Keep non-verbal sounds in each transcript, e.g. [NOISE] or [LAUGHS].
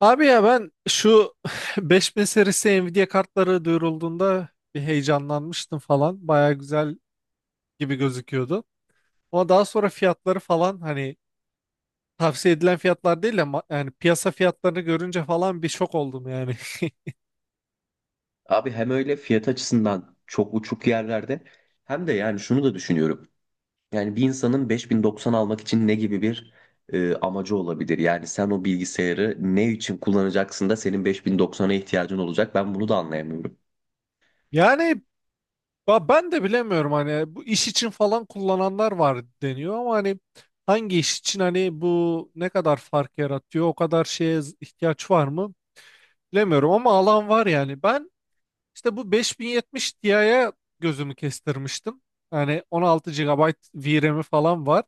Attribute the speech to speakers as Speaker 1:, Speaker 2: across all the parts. Speaker 1: Abi ya ben şu [SIGHS] [LAUGHS] 5000 serisi Nvidia kartları duyurulduğunda bir heyecanlanmıştım falan. Baya güzel gibi gözüküyordu. Ama daha sonra fiyatları falan hani tavsiye edilen fiyatlar değil ama yani piyasa fiyatlarını görünce falan bir şok oldum yani. [LAUGHS]
Speaker 2: Abi hem öyle fiyat açısından çok uçuk yerlerde hem de yani şunu da düşünüyorum. Yani bir insanın 5090 almak için ne gibi bir amacı olabilir? Yani sen o bilgisayarı ne için kullanacaksın da senin 5090'a ihtiyacın olacak? Ben bunu da anlayamıyorum.
Speaker 1: Yani ben de bilemiyorum hani bu iş için falan kullananlar var deniyor ama hani hangi iş için hani bu ne kadar fark yaratıyor o kadar şeye ihtiyaç var mı bilemiyorum ama alan var yani. İşte bu 5070 Ti'ye gözümü kestirmiştim. Yani 16 gigabayt VRAM'i falan var.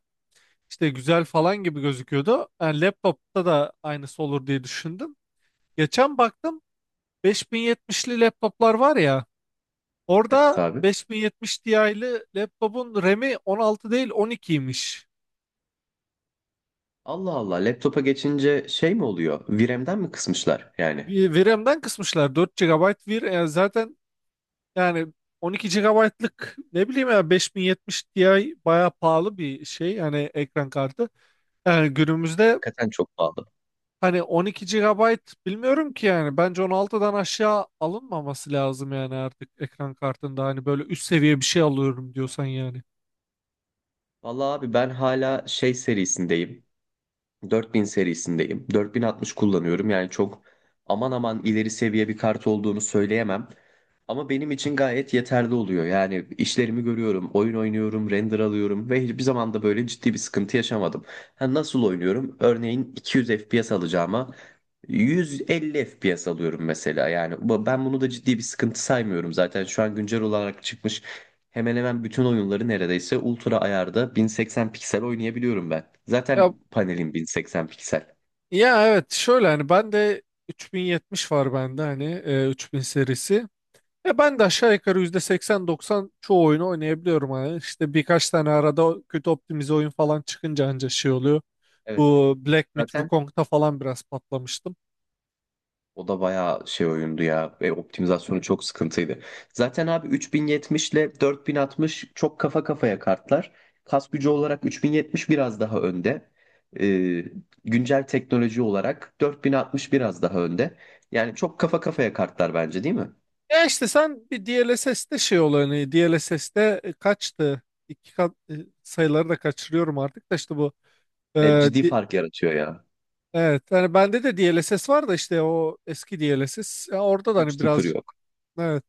Speaker 1: İşte güzel falan gibi gözüküyordu. Yani laptopta da aynısı olur diye düşündüm. Geçen baktım 5070'li laptoplar var ya.
Speaker 2: Evet
Speaker 1: Orada
Speaker 2: abi.
Speaker 1: 5070 Ti'li laptopun RAM'i 16 değil 12'ymiş.
Speaker 2: Allah Allah laptopa geçince şey mi oluyor? VRAM'den mi kısmışlar yani?
Speaker 1: Bir VRAM'den kısmışlar, 4 gigabayt VRAM. Yani zaten yani 12 gigabaytlık ne bileyim ya 5070 Ti bayağı pahalı bir şey. Yani ekran kartı. Yani günümüzde
Speaker 2: Hakikaten çok pahalı.
Speaker 1: hani 12 gigabayt bilmiyorum ki yani bence 16'dan aşağı alınmaması lazım yani artık ekran kartında hani böyle üst seviye bir şey alıyorum diyorsan yani.
Speaker 2: Vallahi abi ben hala şey serisindeyim. 4000 serisindeyim. 4060 kullanıyorum. Yani çok aman aman ileri seviye bir kart olduğunu söyleyemem. Ama benim için gayet yeterli oluyor. Yani işlerimi görüyorum, oyun oynuyorum, render alıyorum ve hiçbir zaman da böyle ciddi bir sıkıntı yaşamadım. Ha, nasıl oynuyorum? Örneğin 200 FPS alacağıma 150 FPS alıyorum mesela. Yani ben bunu da ciddi bir sıkıntı saymıyorum zaten. Şu an güncel olarak çıkmış hemen hemen bütün oyunları neredeyse ultra ayarda 1080 piksel oynayabiliyorum ben.
Speaker 1: Ya
Speaker 2: Zaten panelim 1080 piksel.
Speaker 1: ya evet şöyle hani ben de 3070 var bende hani 3000 serisi. Ya ben de aşağı yukarı %80-90 çoğu oyunu oynayabiliyorum hani işte birkaç tane arada kötü optimize oyun falan çıkınca anca şey oluyor.
Speaker 2: Evet,
Speaker 1: Bu Black Myth
Speaker 2: zaten
Speaker 1: Wukong'da falan biraz patlamıştım.
Speaker 2: o da bayağı şey oyundu ya ve optimizasyonu çok sıkıntıydı. Zaten abi 3070 ile 4060 çok kafa kafaya kartlar. Kas gücü olarak 3070 biraz daha önde. Ee, Güncel teknoloji olarak 4060 biraz daha önde. Yani çok kafa kafaya kartlar bence değil mi?
Speaker 1: Ya işte sen bir DLSS'te şey olanı DLSS'te kaçtı? İki kat sayıları da kaçırıyorum artık da işte bu e,
Speaker 2: Ciddi
Speaker 1: di-
Speaker 2: fark yaratıyor ya.
Speaker 1: evet yani bende de DLSS var da işte o eski DLSS. Ya orada da hani
Speaker 2: 3 sıfır
Speaker 1: birazcık
Speaker 2: yok.
Speaker 1: evet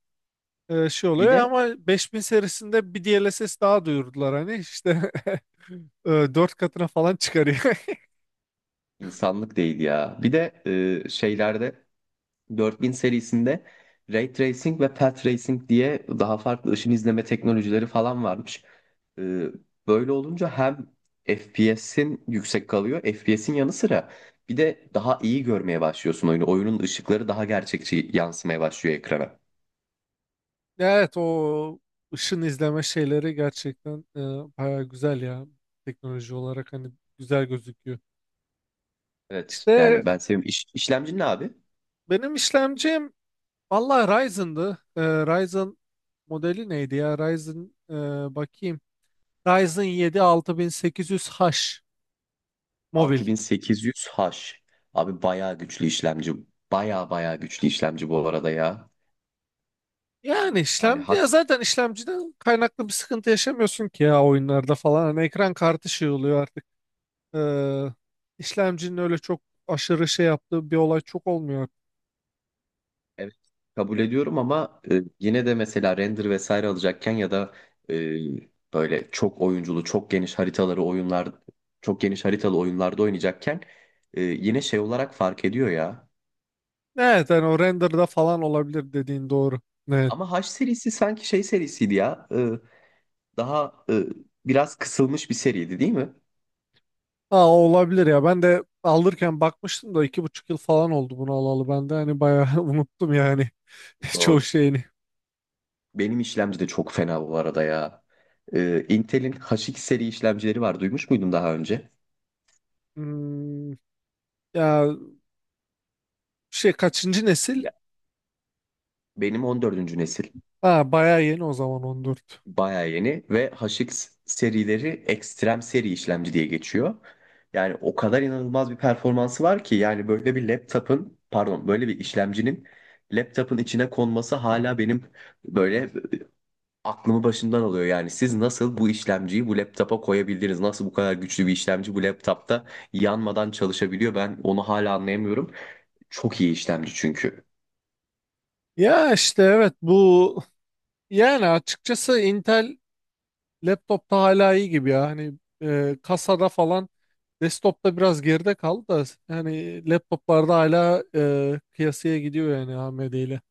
Speaker 1: şey
Speaker 2: Bir
Speaker 1: oluyor
Speaker 2: de
Speaker 1: ama 5000 serisinde bir DLSS daha duyurdular hani işte [LAUGHS] dört katına falan çıkarıyor. [LAUGHS]
Speaker 2: İnsanlık değil ya. Bir de şeylerde 4000 serisinde Ray Tracing ve Path Racing diye daha farklı ışın izleme teknolojileri falan varmış. E, Böyle olunca hem FPS'in yüksek kalıyor, FPS'in yanı sıra bir de daha iyi görmeye başlıyorsun oyunu. Oyunun ışıkları daha gerçekçi yansımaya başlıyor ekrana.
Speaker 1: Evet o ışın izleme şeyleri gerçekten baya güzel ya, teknoloji olarak hani güzel gözüküyor.
Speaker 2: Evet
Speaker 1: İşte
Speaker 2: yani ben seviyorum. İşlemci ne abi?
Speaker 1: benim işlemcim valla Ryzen'dı. Ryzen modeli neydi ya? Ryzen bakayım. Ryzen 7 6800H mobil.
Speaker 2: 6800H. Abi bayağı güçlü işlemci. Bayağı bayağı güçlü işlemci bu arada ya.
Speaker 1: Yani
Speaker 2: Yani
Speaker 1: işlemci
Speaker 2: H
Speaker 1: ya, zaten işlemciden kaynaklı bir sıkıntı yaşamıyorsun ki ya oyunlarda falan. Hani ekran kartı şey oluyor artık. Ee, işlemcinin öyle çok aşırı şey yaptığı bir olay çok olmuyor.
Speaker 2: evet, kabul ediyorum ama yine de mesela render vesaire alacakken ya da e, böyle çok oyunculu, çok geniş haritalı oyunlarda oynayacakken yine şey olarak fark ediyor ya.
Speaker 1: Evet yani o renderda falan olabilir, dediğin doğru. Evet.
Speaker 2: Ama H serisi sanki şey serisiydi ya. Daha biraz kısılmış bir seriydi değil mi?
Speaker 1: Aa, olabilir ya. Ben de alırken bakmıştım da 2,5 yıl falan oldu bunu alalı. Ben de hani bayağı [LAUGHS] unuttum yani [LAUGHS] çoğu
Speaker 2: Doğru.
Speaker 1: şeyini.
Speaker 2: Benim işlemci de çok fena bu arada ya. Intel'in H2 seri işlemcileri var. Duymuş muydun daha önce?
Speaker 1: Hmm, ya şey, kaçıncı nesil?
Speaker 2: Ya, benim on dördüncü nesil.
Speaker 1: Ha, bayağı yeni o zaman, 14.
Speaker 2: Bayağı yeni ve HX serileri ekstrem seri işlemci diye geçiyor. Yani o kadar inanılmaz bir performansı var ki yani böyle bir laptop'un pardon böyle bir işlemcinin laptop'un içine konması hala benim böyle aklımı başımdan alıyor. Yani siz nasıl bu işlemciyi bu laptop'a koyabildiniz? Nasıl bu kadar güçlü bir işlemci bu laptop'ta yanmadan çalışabiliyor? Ben onu hala anlayamıyorum. Çok iyi işlemci çünkü.
Speaker 1: Ya işte evet, bu yani açıkçası Intel laptopta hala iyi gibi ya. Hani kasada falan Desktop'ta biraz geride kaldı da yani laptoplarda hala kıyasıya gidiyor yani AMD ile.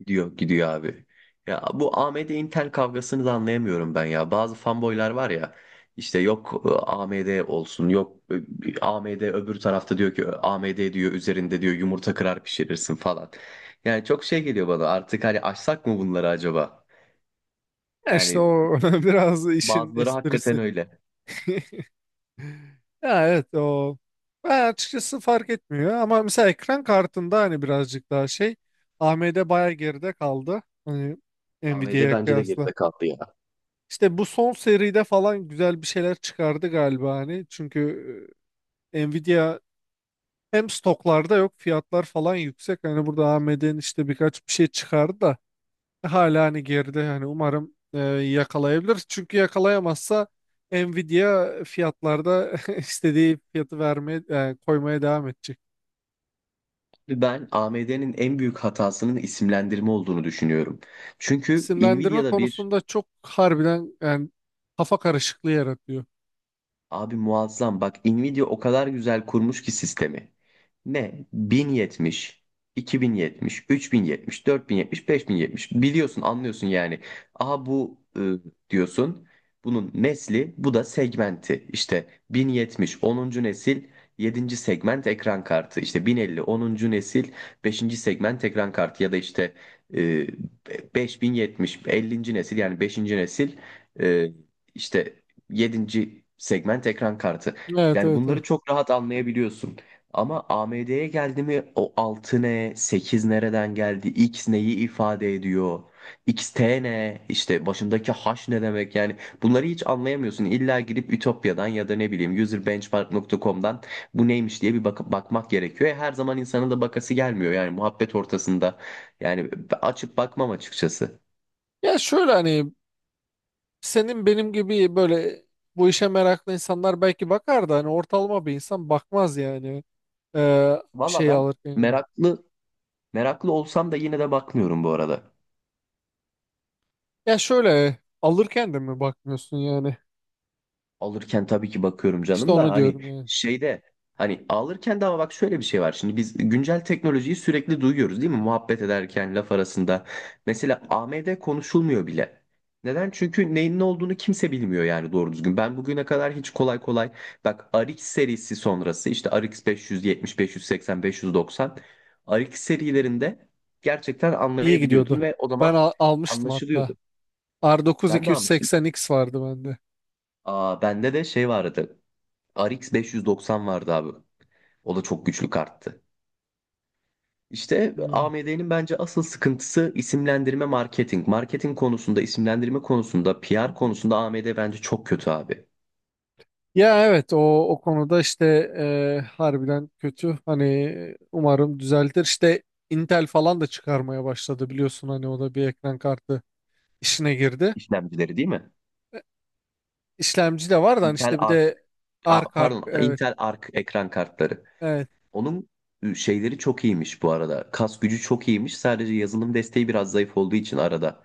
Speaker 2: Gidiyor, gidiyor abi. Ya bu AMD Intel kavgasını da anlayamıyorum ben ya. Bazı fanboylar var ya işte yok AMD olsun yok AMD öbür tarafta diyor ki AMD diyor üzerinde diyor yumurta kırar pişirirsin falan. Yani çok şey geliyor bana artık hani açsak mı bunları acaba?
Speaker 1: Ya işte
Speaker 2: Yani
Speaker 1: o [LAUGHS] biraz işin
Speaker 2: bazıları hakikaten
Speaker 1: esprisi.
Speaker 2: öyle.
Speaker 1: [LAUGHS] Ya evet o, ben açıkçası fark etmiyor ama mesela ekran kartında hani birazcık daha şey, AMD baya geride kaldı hani
Speaker 2: AMD
Speaker 1: Nvidia'ya
Speaker 2: bence de
Speaker 1: kıyasla.
Speaker 2: geride kaldı ya.
Speaker 1: İşte bu son seride falan güzel bir şeyler çıkardı galiba hani, çünkü Nvidia hem stoklarda yok, fiyatlar falan yüksek hani, burada AMD'nin işte birkaç bir şey çıkardı da hala hani geride hani, umarım yakalayabilir. Çünkü yakalayamazsa Nvidia fiyatlarda [LAUGHS] istediği fiyatı vermeye koymaya devam edecek.
Speaker 2: Ben AMD'nin en büyük hatasının isimlendirme olduğunu düşünüyorum. Çünkü
Speaker 1: İsimlendirme
Speaker 2: Nvidia'da bir
Speaker 1: konusunda çok harbiden yani kafa karışıklığı yaratıyor.
Speaker 2: abi muazzam. Bak Nvidia o kadar güzel kurmuş ki sistemi. Ne? 1070, 2070, 3070, 4070, 5070. Biliyorsun, anlıyorsun yani. Aha bu diyorsun. Bunun nesli, bu da segmenti. İşte 1070 onuncu nesil yedinci segment ekran kartı. İşte 1050 onuncu nesil beşinci segment ekran kartı ya da işte e, 5070 50. nesil yani beşinci nesil e, işte yedinci segment ekran kartı.
Speaker 1: Evet,
Speaker 2: Yani
Speaker 1: evet, evet.
Speaker 2: bunları çok rahat anlayabiliyorsun. Ama AMD'ye geldi mi o 6 ne, 8 nereden geldi, X neyi ifade ediyor, XT ne, işte başındaki H ne demek yani bunları hiç anlayamıyorsun. İlla girip Ütopya'dan ya da ne bileyim userbenchmark.com'dan bu neymiş diye bir bakıp bakmak gerekiyor. Her zaman insanın da bakası gelmiyor yani muhabbet ortasında yani açıp bakmam açıkçası.
Speaker 1: Ya şöyle hani senin benim gibi böyle bu işe meraklı insanlar belki bakar da hani ortalama bir insan bakmaz yani, e, bir
Speaker 2: Valla
Speaker 1: şey
Speaker 2: ben
Speaker 1: alırken yani.
Speaker 2: meraklı meraklı olsam da yine de bakmıyorum bu arada.
Speaker 1: Ya şöyle alırken de mi bakmıyorsun yani?
Speaker 2: Alırken tabii ki bakıyorum
Speaker 1: İşte
Speaker 2: canım da
Speaker 1: onu
Speaker 2: hani
Speaker 1: diyorum yani.
Speaker 2: şeyde hani alırken de ama bak şöyle bir şey var. Şimdi biz güncel teknolojiyi sürekli duyuyoruz değil mi? Muhabbet ederken laf arasında. Mesela AMD konuşulmuyor bile. Neden? Çünkü neyin ne olduğunu kimse bilmiyor yani doğru düzgün. Ben bugüne kadar hiç kolay kolay bak RX serisi sonrası işte RX 570, 580, 590 RX serilerinde gerçekten
Speaker 1: İyi gidiyordu.
Speaker 2: anlayabiliyordun ve o zaman
Speaker 1: Ben almıştım hatta.
Speaker 2: anlaşılıyordu.
Speaker 1: R9
Speaker 2: Ben de almıştım.
Speaker 1: 280X vardı bende.
Speaker 2: Aa, bende de şey vardı. RX 590 vardı abi. O da çok güçlü karttı. İşte
Speaker 1: Hmm.
Speaker 2: AMD'nin bence asıl sıkıntısı isimlendirme marketing. Marketing konusunda, isimlendirme konusunda, PR konusunda AMD bence çok kötü abi.
Speaker 1: Ya evet o o konuda işte harbiden kötü. Hani umarım düzeltir. İşte Intel falan da çıkarmaya başladı biliyorsun, hani o da bir ekran kartı işine girdi.
Speaker 2: İşlemcileri değil mi?
Speaker 1: İşlemci de var da hani
Speaker 2: Intel
Speaker 1: işte bir
Speaker 2: Arc,
Speaker 1: de
Speaker 2: a,
Speaker 1: arka arka
Speaker 2: pardon,
Speaker 1: evet
Speaker 2: Intel Arc ekran kartları.
Speaker 1: evet.
Speaker 2: Onun şeyleri çok iyiymiş bu arada. Kas gücü çok iyiymiş. Sadece yazılım desteği biraz zayıf olduğu için arada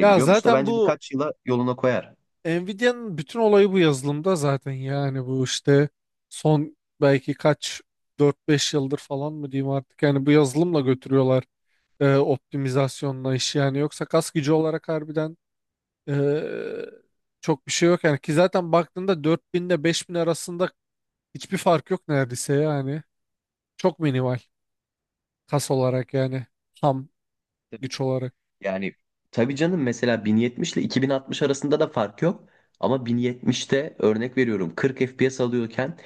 Speaker 1: Ya
Speaker 2: da
Speaker 1: zaten
Speaker 2: bence
Speaker 1: bu
Speaker 2: birkaç yıla yoluna koyar.
Speaker 1: Nvidia'nın bütün olayı bu yazılımda zaten yani, bu işte son belki kaç 4-5 yıldır falan mı diyeyim artık yani, bu yazılımla götürüyorlar optimizasyonla işi yani, yoksa kas gücü olarak harbiden e, çok bir şey yok yani ki, zaten baktığında 4000 ile 5000 arasında hiçbir fark yok neredeyse yani, çok minimal, kas olarak yani, ham güç olarak,
Speaker 2: Yani tabii canım mesela 1070 ile 2060 arasında da fark yok. Ama 1070'te örnek veriyorum 40 FPS alıyorken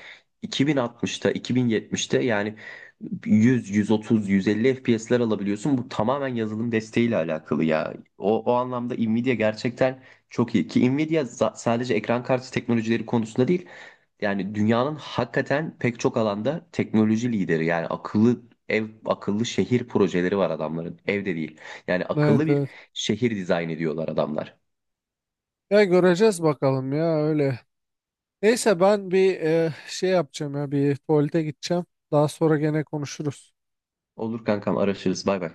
Speaker 2: 2060'ta 2070'te yani 100, 130, 150 FPS'ler alabiliyorsun. Bu tamamen yazılım desteğiyle alakalı ya. O anlamda Nvidia gerçekten çok iyi. Ki Nvidia sadece ekran kartı teknolojileri konusunda değil. Yani dünyanın hakikaten pek çok alanda teknoloji lideri. Yani akıllı şehir projeleri var adamların. Evde değil. Yani akıllı
Speaker 1: evet
Speaker 2: bir
Speaker 1: evet
Speaker 2: şehir dizayn ediyorlar adamlar.
Speaker 1: ya, göreceğiz bakalım ya öyle. Neyse ben bir şey yapacağım ya, bir tuvalete gideceğim. Daha sonra gene konuşuruz.
Speaker 2: Olur kankam araşırız. Bay bay.